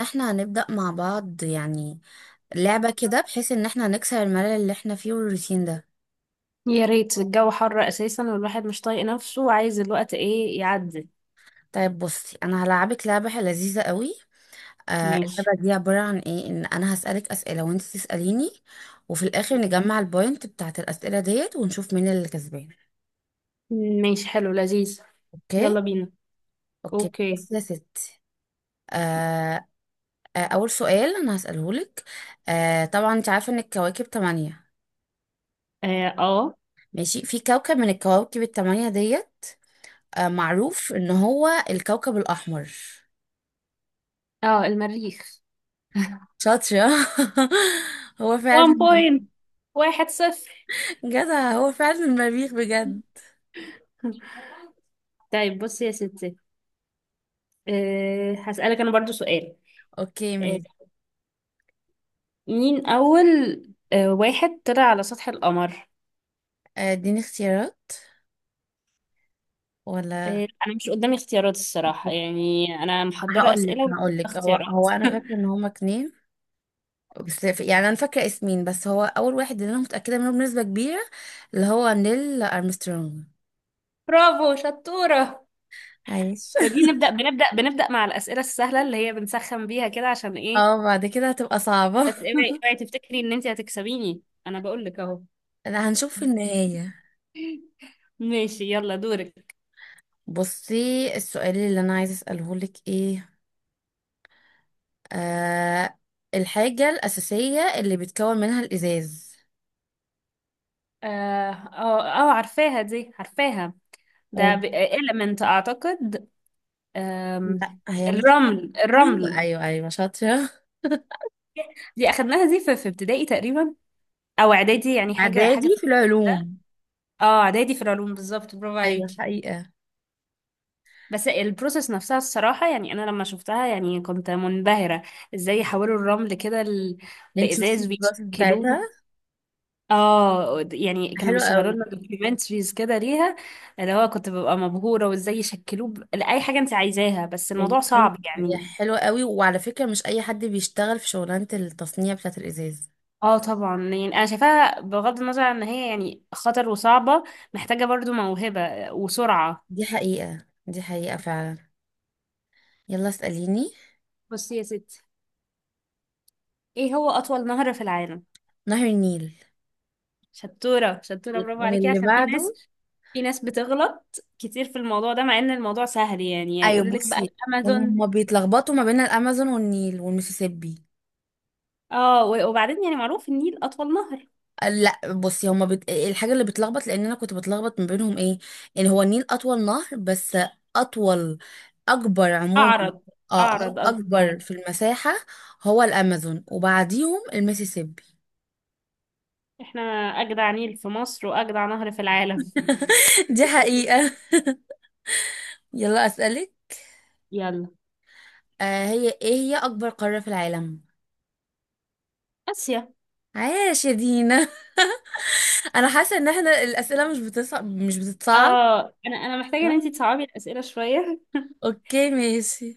احنا هنبدأ مع بعض، يعني لعبة كده، بحيث ان احنا نكسر الملل اللي احنا فيه والروتين ده. يا ريت الجو حر اساسا والواحد مش طايق نفسه وعايز الوقت ايه يعدي. طيب بصي، انا هلعبك لعبة لذيذة قوي. ماشي. اللعبة دي عبارة عن ايه، ان انا هسألك أسئلة وانت تسأليني، وفي الاخر نجمع البوينت بتاعت الأسئلة ديت ونشوف مين اللي كسبان. ماشي حلو لذيذ. اوكي. يلا بينا. اوكي اوكي. بصي يا ستي. آه اول سؤال انا هسأله لك. طبعا انت عارفة ان الكواكب تمانية. اه. آه. ماشي، في كوكب من الكواكب التمانية ديت معروف ان هو الكوكب الاحمر. اه المريخ. شاطرة هو فعلا. 1 بوينت. واحد صفر. جدع، هو فعلا المريخ بجد. طيب بصي يا ستي. أه هسألك انا برضو سؤال. اوكي أه ماشي. مين اول أه واحد طلع على سطح القمر؟ اديني اختيارات ولا؟ أه انا مش قدامي اختيارات الصراحة، يعني انا محضرة هقول لك اسئلة هقول لك هو واختيارات. هو انا فاكره ان هما اتنين. بس يعني انا فاكره اسمين، بس هو اول واحد اللي انا متاكده منه بنسبه كبيره، اللي هو نيل ارمسترونج. برافو شطورة. عايش. ده دي نبدأ بنبدأ مع الأسئلة السهلة اللي هي بنسخن بيها كده عشان ايه. اه، بعد كده هتبقى صعبه. بس اوعي تفتكري ان انت هتكسبيني، انا بقول لك اهو. لا، هنشوف في النهايه. ماشي يلا دورك. بصي، السؤال اللي انا عايزه اساله لك ايه. آه الحاجة الأساسية اللي بيتكون منها الإزاز. اه اه آه، عارفاها دي. ده قول. إليمنت اعتقد. لا آم، هي مش. الرمل أيوة، الرمل. أيوة، أيوة، شاطرة. دي اخدناها دي في ابتدائي تقريبا، او اعدادي، يعني حاجة إعدادي حاجة في في ده. العلوم. اه اعدادي في العلوم بالظبط، برافو أيوة عليكي. حقيقة. بس البروسيس نفسها الصراحة، يعني أنا لما شفتها يعني كنت منبهرة. ازاي يحولوا الرمل كده انت شفتي لإزاز الدراسة بتاعتها؟ ويشكلوه. اه يعني كانوا حلوة بيشغلوا قوي. لنا دوكيومنتريز كده ليها. اللي هو كنت ببقى مبهورة، وازاي يشكلوه لأي حاجة انت عايزاها، بس هي الموضوع أيوة صعب هي يعني. حلوة قوي، وعلى فكرة مش أي حد بيشتغل في شغلانة التصنيع بتاعة الإزاز. اه طبعا، يعني انا شايفاها بغض النظر عن ان هي يعني خطر وصعبة، محتاجة برضو موهبة وسرعة. دي حقيقة، دي حقيقة فعلا. يلا اسأليني. بصي يا ستي، ايه هو أطول نهر في العالم؟ نهر النيل. شطورة شطورة برافو عليكي، واللي عشان في ناس. بعده؟ في ناس بتغلط كتير في الموضوع ده، مع ان الموضوع سهل يعني، أيوة يقول لك بقى بصي، الامازون. هما بيتلخبطوا ما بين الأمازون والنيل والميسيسيبي. اه وبعدين يعني معروف النيل اطول نهر. لا بصي، الحاجه اللي بتلخبط لان انا كنت بتلخبط ما بينهم ايه، ان هو النيل اطول نهر بس. اطول. اكبر عموما. اعرض. اه، اعرض قصدك اكبر اعرض. في المساحه. هو الامازون وبعديهم المسيسيبي. احنا اجدع نيل في مصر واجدع نهر في العالم. دي حقيقه. يلا اسالك. يلا. هي ايه، هي اكبر قاره في العالم؟ اسيا. عاش يا دينا. انا حاسه ان احنا الاسئله مش بتصعب، مش بتتصعب. اه انا محتاجة ان صح؟ انتي تصعبي الاسئلة شوية. اوكي ماشي.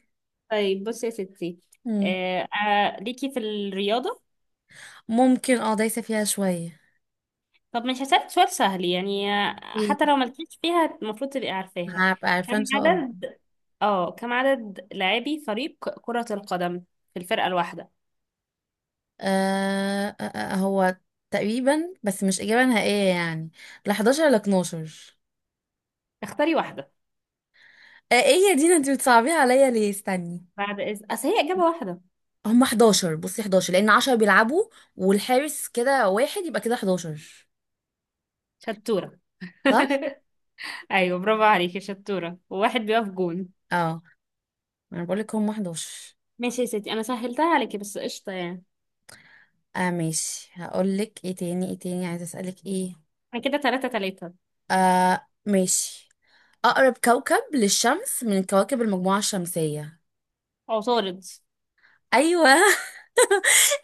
طيب بصي يا ستي. مم. آه آه ليكي في الرياضة. ممكن، اه، دايسه فيها شويه. طب مش هسألك سؤال سهل يعني، ايه؟ حتى لو ملكيش فيها المفروض تبقي عارفاها. هبقى كم عارفه ان شاء الله. عدد اه كم عدد لاعبي فريق كرة القدم في الفرقة الواحدة؟ هو تقريبا، بس مش إجابة نهائية يعني. لا 11 لا 12. اختاري واحدة. ايه يا دينا، انت بتصعبيها عليا ليه، استني. بعد إذن، أصل هي إجابة واحدة. هم 11. بصي 11 لأن 10 بيلعبوا، والحارس كده واحد، يبقى كده 11. شطورة. صح؟ أيوة برافو عليكي شطورة، وواحد بيقف جون. اه، انا بقولك هم 11. ماشي يا ستي، أنا سهلتها عليكي بس، قشطة يعني. اه ماشي، هقولك ايه تاني، ايه تاني عايزة اسألك ايه. أنا كده تلاتة تلاتة. ماشي. أقرب كوكب للشمس من كواكب المجموعة الشمسية؟ عطارد. أيوة.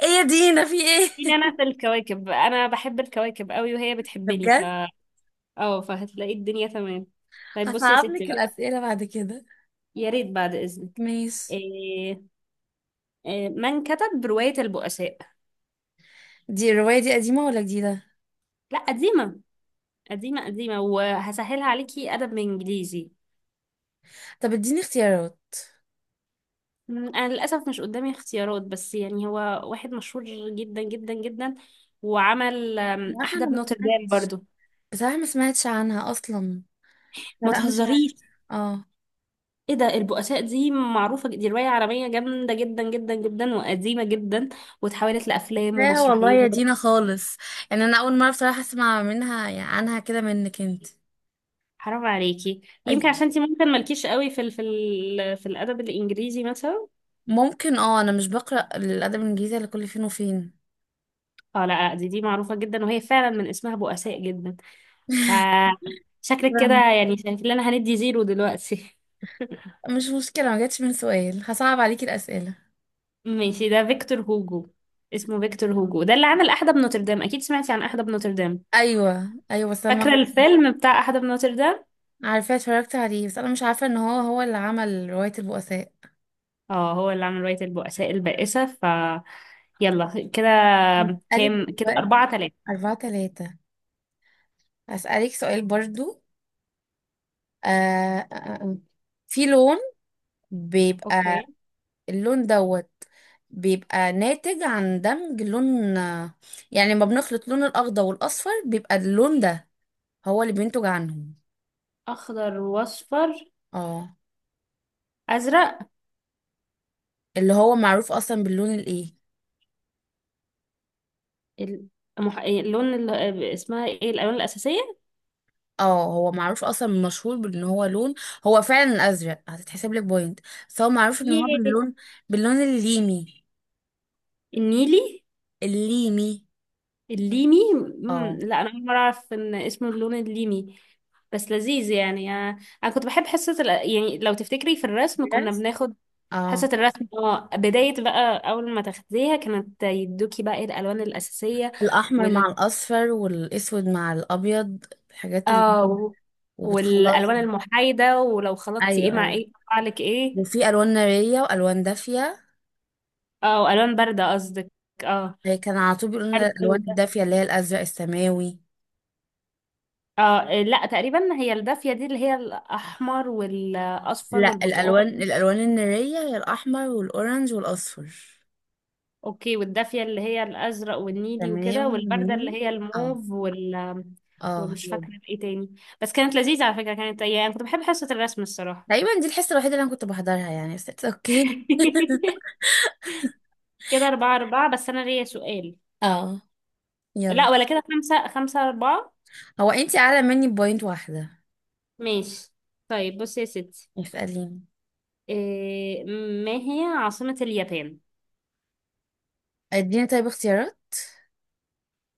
ايه يا دينا، في ايه؟ مين أنا في الكواكب، أنا بحب الكواكب قوي وهي ده بتحبني ف بجد. اه فهتلاقي الدنيا تمام. طيب بصي يا هصعب ستي لك بقى. الأسئلة بعد كده. يا ريت بعد إذنك. ماشي. إيه إيه من كتب رواية البؤساء؟ دي الرواية دي قديمة ولا جديدة؟ لا قديمة. قديمة وهسهلها عليكي، أدب من إنجليزي. طب اديني اختيارات. أنا للأسف مش قدامي اختيارات، بس يعني هو واحد مشهور جدا جدا جدا، وعمل بصراحة أنا أحدب ما نوتردام سمعتش. برضو. بصراحة ما سمعتش عنها أصلا. لا، ما لا، مش عارفة. تهزريش. اه ايه ده، البؤساء دي معروفة، دي رواية عالمية جامدة جدا جدا جدا وقديمة جدا، واتحولت لأفلام لا والله ومسرحيات. يا دينا خالص. يعني أنا أول مرة بصراحة أسمع منها، يعني عنها كده منك أنت. حرام عليكي، يمكن أي- عشان انتي ممكن مالكيش قوي في الأدب الإنجليزي مثلا. ممكن، اه، أنا مش بقرأ الأدب الإنجليزي إلا كل فين وفين. اه لا لا، دي معروفة جدا، وهي فعلا من اسمها بؤساء جدا. ف شكلك كده شكراً. يعني شايف لنا هندي زيرو دلوقتي. مش مشكلة، ما جاتش من سؤال. هصعب عليكي الأسئلة. ماشي، ده فيكتور هوجو. اسمه فيكتور هوجو، ده اللي عمل أحدب نوتردام، أكيد سمعتي عن أحدب نوتردام. أيوة أيوة بس أنا فاكرة الفيلم بتاع أحدب نوتردام. عارفاه، اتفرجت عليه، بس أنا مش عارفة إن هو هو اللي عمل رواية البؤساء. اه هو اللي عمل رواية البؤساء البائسة ف يلا كده. هسألك كام كده، دلوقتي. أربعة تلاتة. أربعة تلاتة. هسألك سؤال برضو. آه آه، آه. في لون بيبقى، اوكي. اللون دوت بيبقى ناتج عن دمج لون، يعني لما بنخلط لون الأخضر والأصفر بيبقى اللون ده هو اللي بينتج عنهم. أخضر وأصفر. اه، أزرق. اللي هو معروف أصلا باللون الإيه؟ ال- المح... اللون اللي اسمها ايه، الألوان الأساسية. اه، هو معروف اصلا مشهور بان هو لون. هو فعلا الازرق، هتتحسب لك بوينت. بس هو معروف ان هو ياه. باللون الليمي. النيلي. الليمي. الليمي. مم. اه لا انا اول مره اعرف ان اسمه اللون الليمي. بس لذيذ يعني انا، انا كنت بحب حصه ال... يعني لو تفتكري في الرسم كنا بناخد حصه اه الرسم. اه بدايه بقى، اول ما تاخديها كانت يدوكي بقى إيه الالوان الاساسيه الأحمر وال مع الأصفر، والأسود مع الأبيض. الحاجات اللي اه وبتخلص. والالوان المحايده، ولو خلطتي ايه أيوة مع أيوة. ايه يطلع لك ايه. وفي ألوان نارية وألوان دافية. اه والوان بارده قصدك. اه هي كان على طول بيقولوا لنا بارده الألوان وده. الدافية اللي هي الأزرق السماوي. اه لا تقريبا، هي الدافيه دي اللي هي الاحمر والاصفر لا، والبرتقال. الألوان النارية هي الأحمر والأورنج والأصفر. اوكي، والدافية اللي هي الازرق والنيلي سماوي وكده، والبردة اللي والنيلي. هي اه. الموف وال اه ومش هي دي. فاكرة ايه تاني. بس كانت لذيذة على فكرة، كانت يعني كنت بحب حصة الرسم الصراحة. تقريبا دي الحصة الوحيدة اللي أنا كنت بحضرها يعني، بس it's اوكي. كده أربعة أربعة، بس أنا ليا سؤال. اه يلا. لا ولا كده، خمسة خمسة أربعة. هو انتي أعلى مني بوينت واحدة. ماشي. طيب بصي يا ستي. اسأليني. إيه، ما هي عاصمة اليابان؟ اديني طيب اختيارات.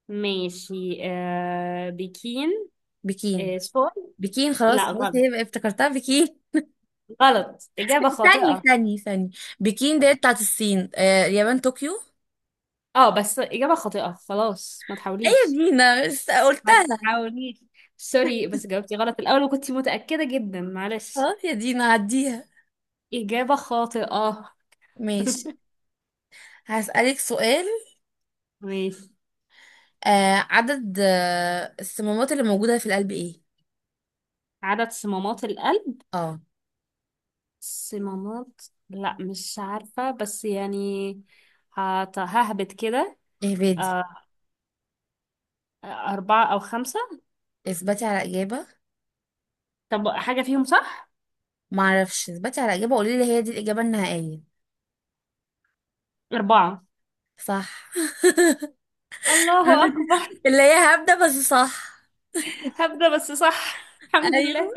ماشي. آه بكين. بكين. إيه سول. بكين خلاص، لا خلاص، غلط. هي افتكرتها بكين. غلط، إجابة ثاني، خاطئة. ثاني، ثاني. بكين ديت بتاعت الصين، اليابان طوكيو. اه بس إجابة خاطئة خلاص، ما ايه تحاوليش. دينا بس ما قلتها. تحاوليش. سوري بس جاوبتي غلط الأول وكنتي متأكدة جدا، معلش. خلاص يا دينا عديها. إجابة خاطئة. ماشي. هسألك سؤال. ماشي. عدد الصمامات اللي موجودة في القلب ايه؟ عدد صمامات القلب. اه. صمامات. لا مش عارفة، بس يعني ههبط كده. اهبدي. آه، أربعة أو خمسة. اثبتي على إجابة. طب حاجة فيهم صح؟ معرفش، اثبتي على إجابة، قولي لي هي دي الإجابة النهائية. أربعة. صح. الله أكبر. اللي هي هبدة بس صح. هبدأ بس صح. الحمد ايوه، لله.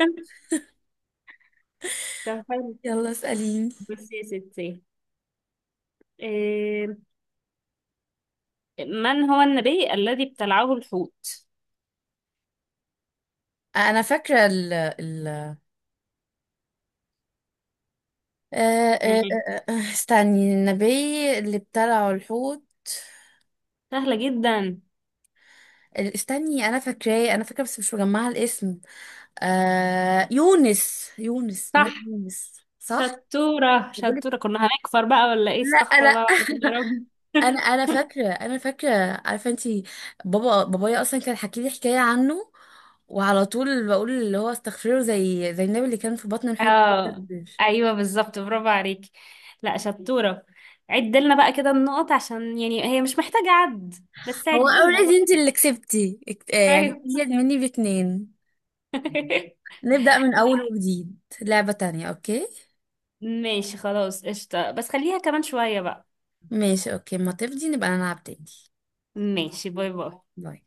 طب حلو. يلا اسأليني. بس يا ستي، آه، من هو النبي الذي ابتلعه الحوت؟ انا فاكره ال ال آه، آه، آه، آه، استني، النبي اللي ابتلعه الحوت. سهلة جدا. استني، انا فاكراه، انا فاكره، بس مش مجمعه الاسم. يونس، يونس، نبي صح. يونس، صح. شطورة بقولك شطورة، كنا هنكفر بقى ولا ايه، لا، لا. استغفر الله العظيم يا رب. انا فاكره، انا فاكره. عارفه انتي، بابا بابايا اصلا كان حكي لي حكايه عنه، وعلى طول بقول اللي هو استغفره زي النبي اللي كان في بطن الحوت. اه ايوه بالظبط، برافو عليكي. لا شطورة. عد لنا بقى كده النقط، عشان يعني هي مش محتاجة عد، بس هو عديها اوريدي انتي برضه. اللي كسبتي يعني ايوه. ازيد مني باتنين. نبدأ من لا أول وجديد لعبة تانية، أوكي؟ ماشي خلاص قشطة، بس خليها كمان شوية بقى. ماشي أوكي، ما تفضي نبقى نلعب تاني. ماشي. باي باي. باي.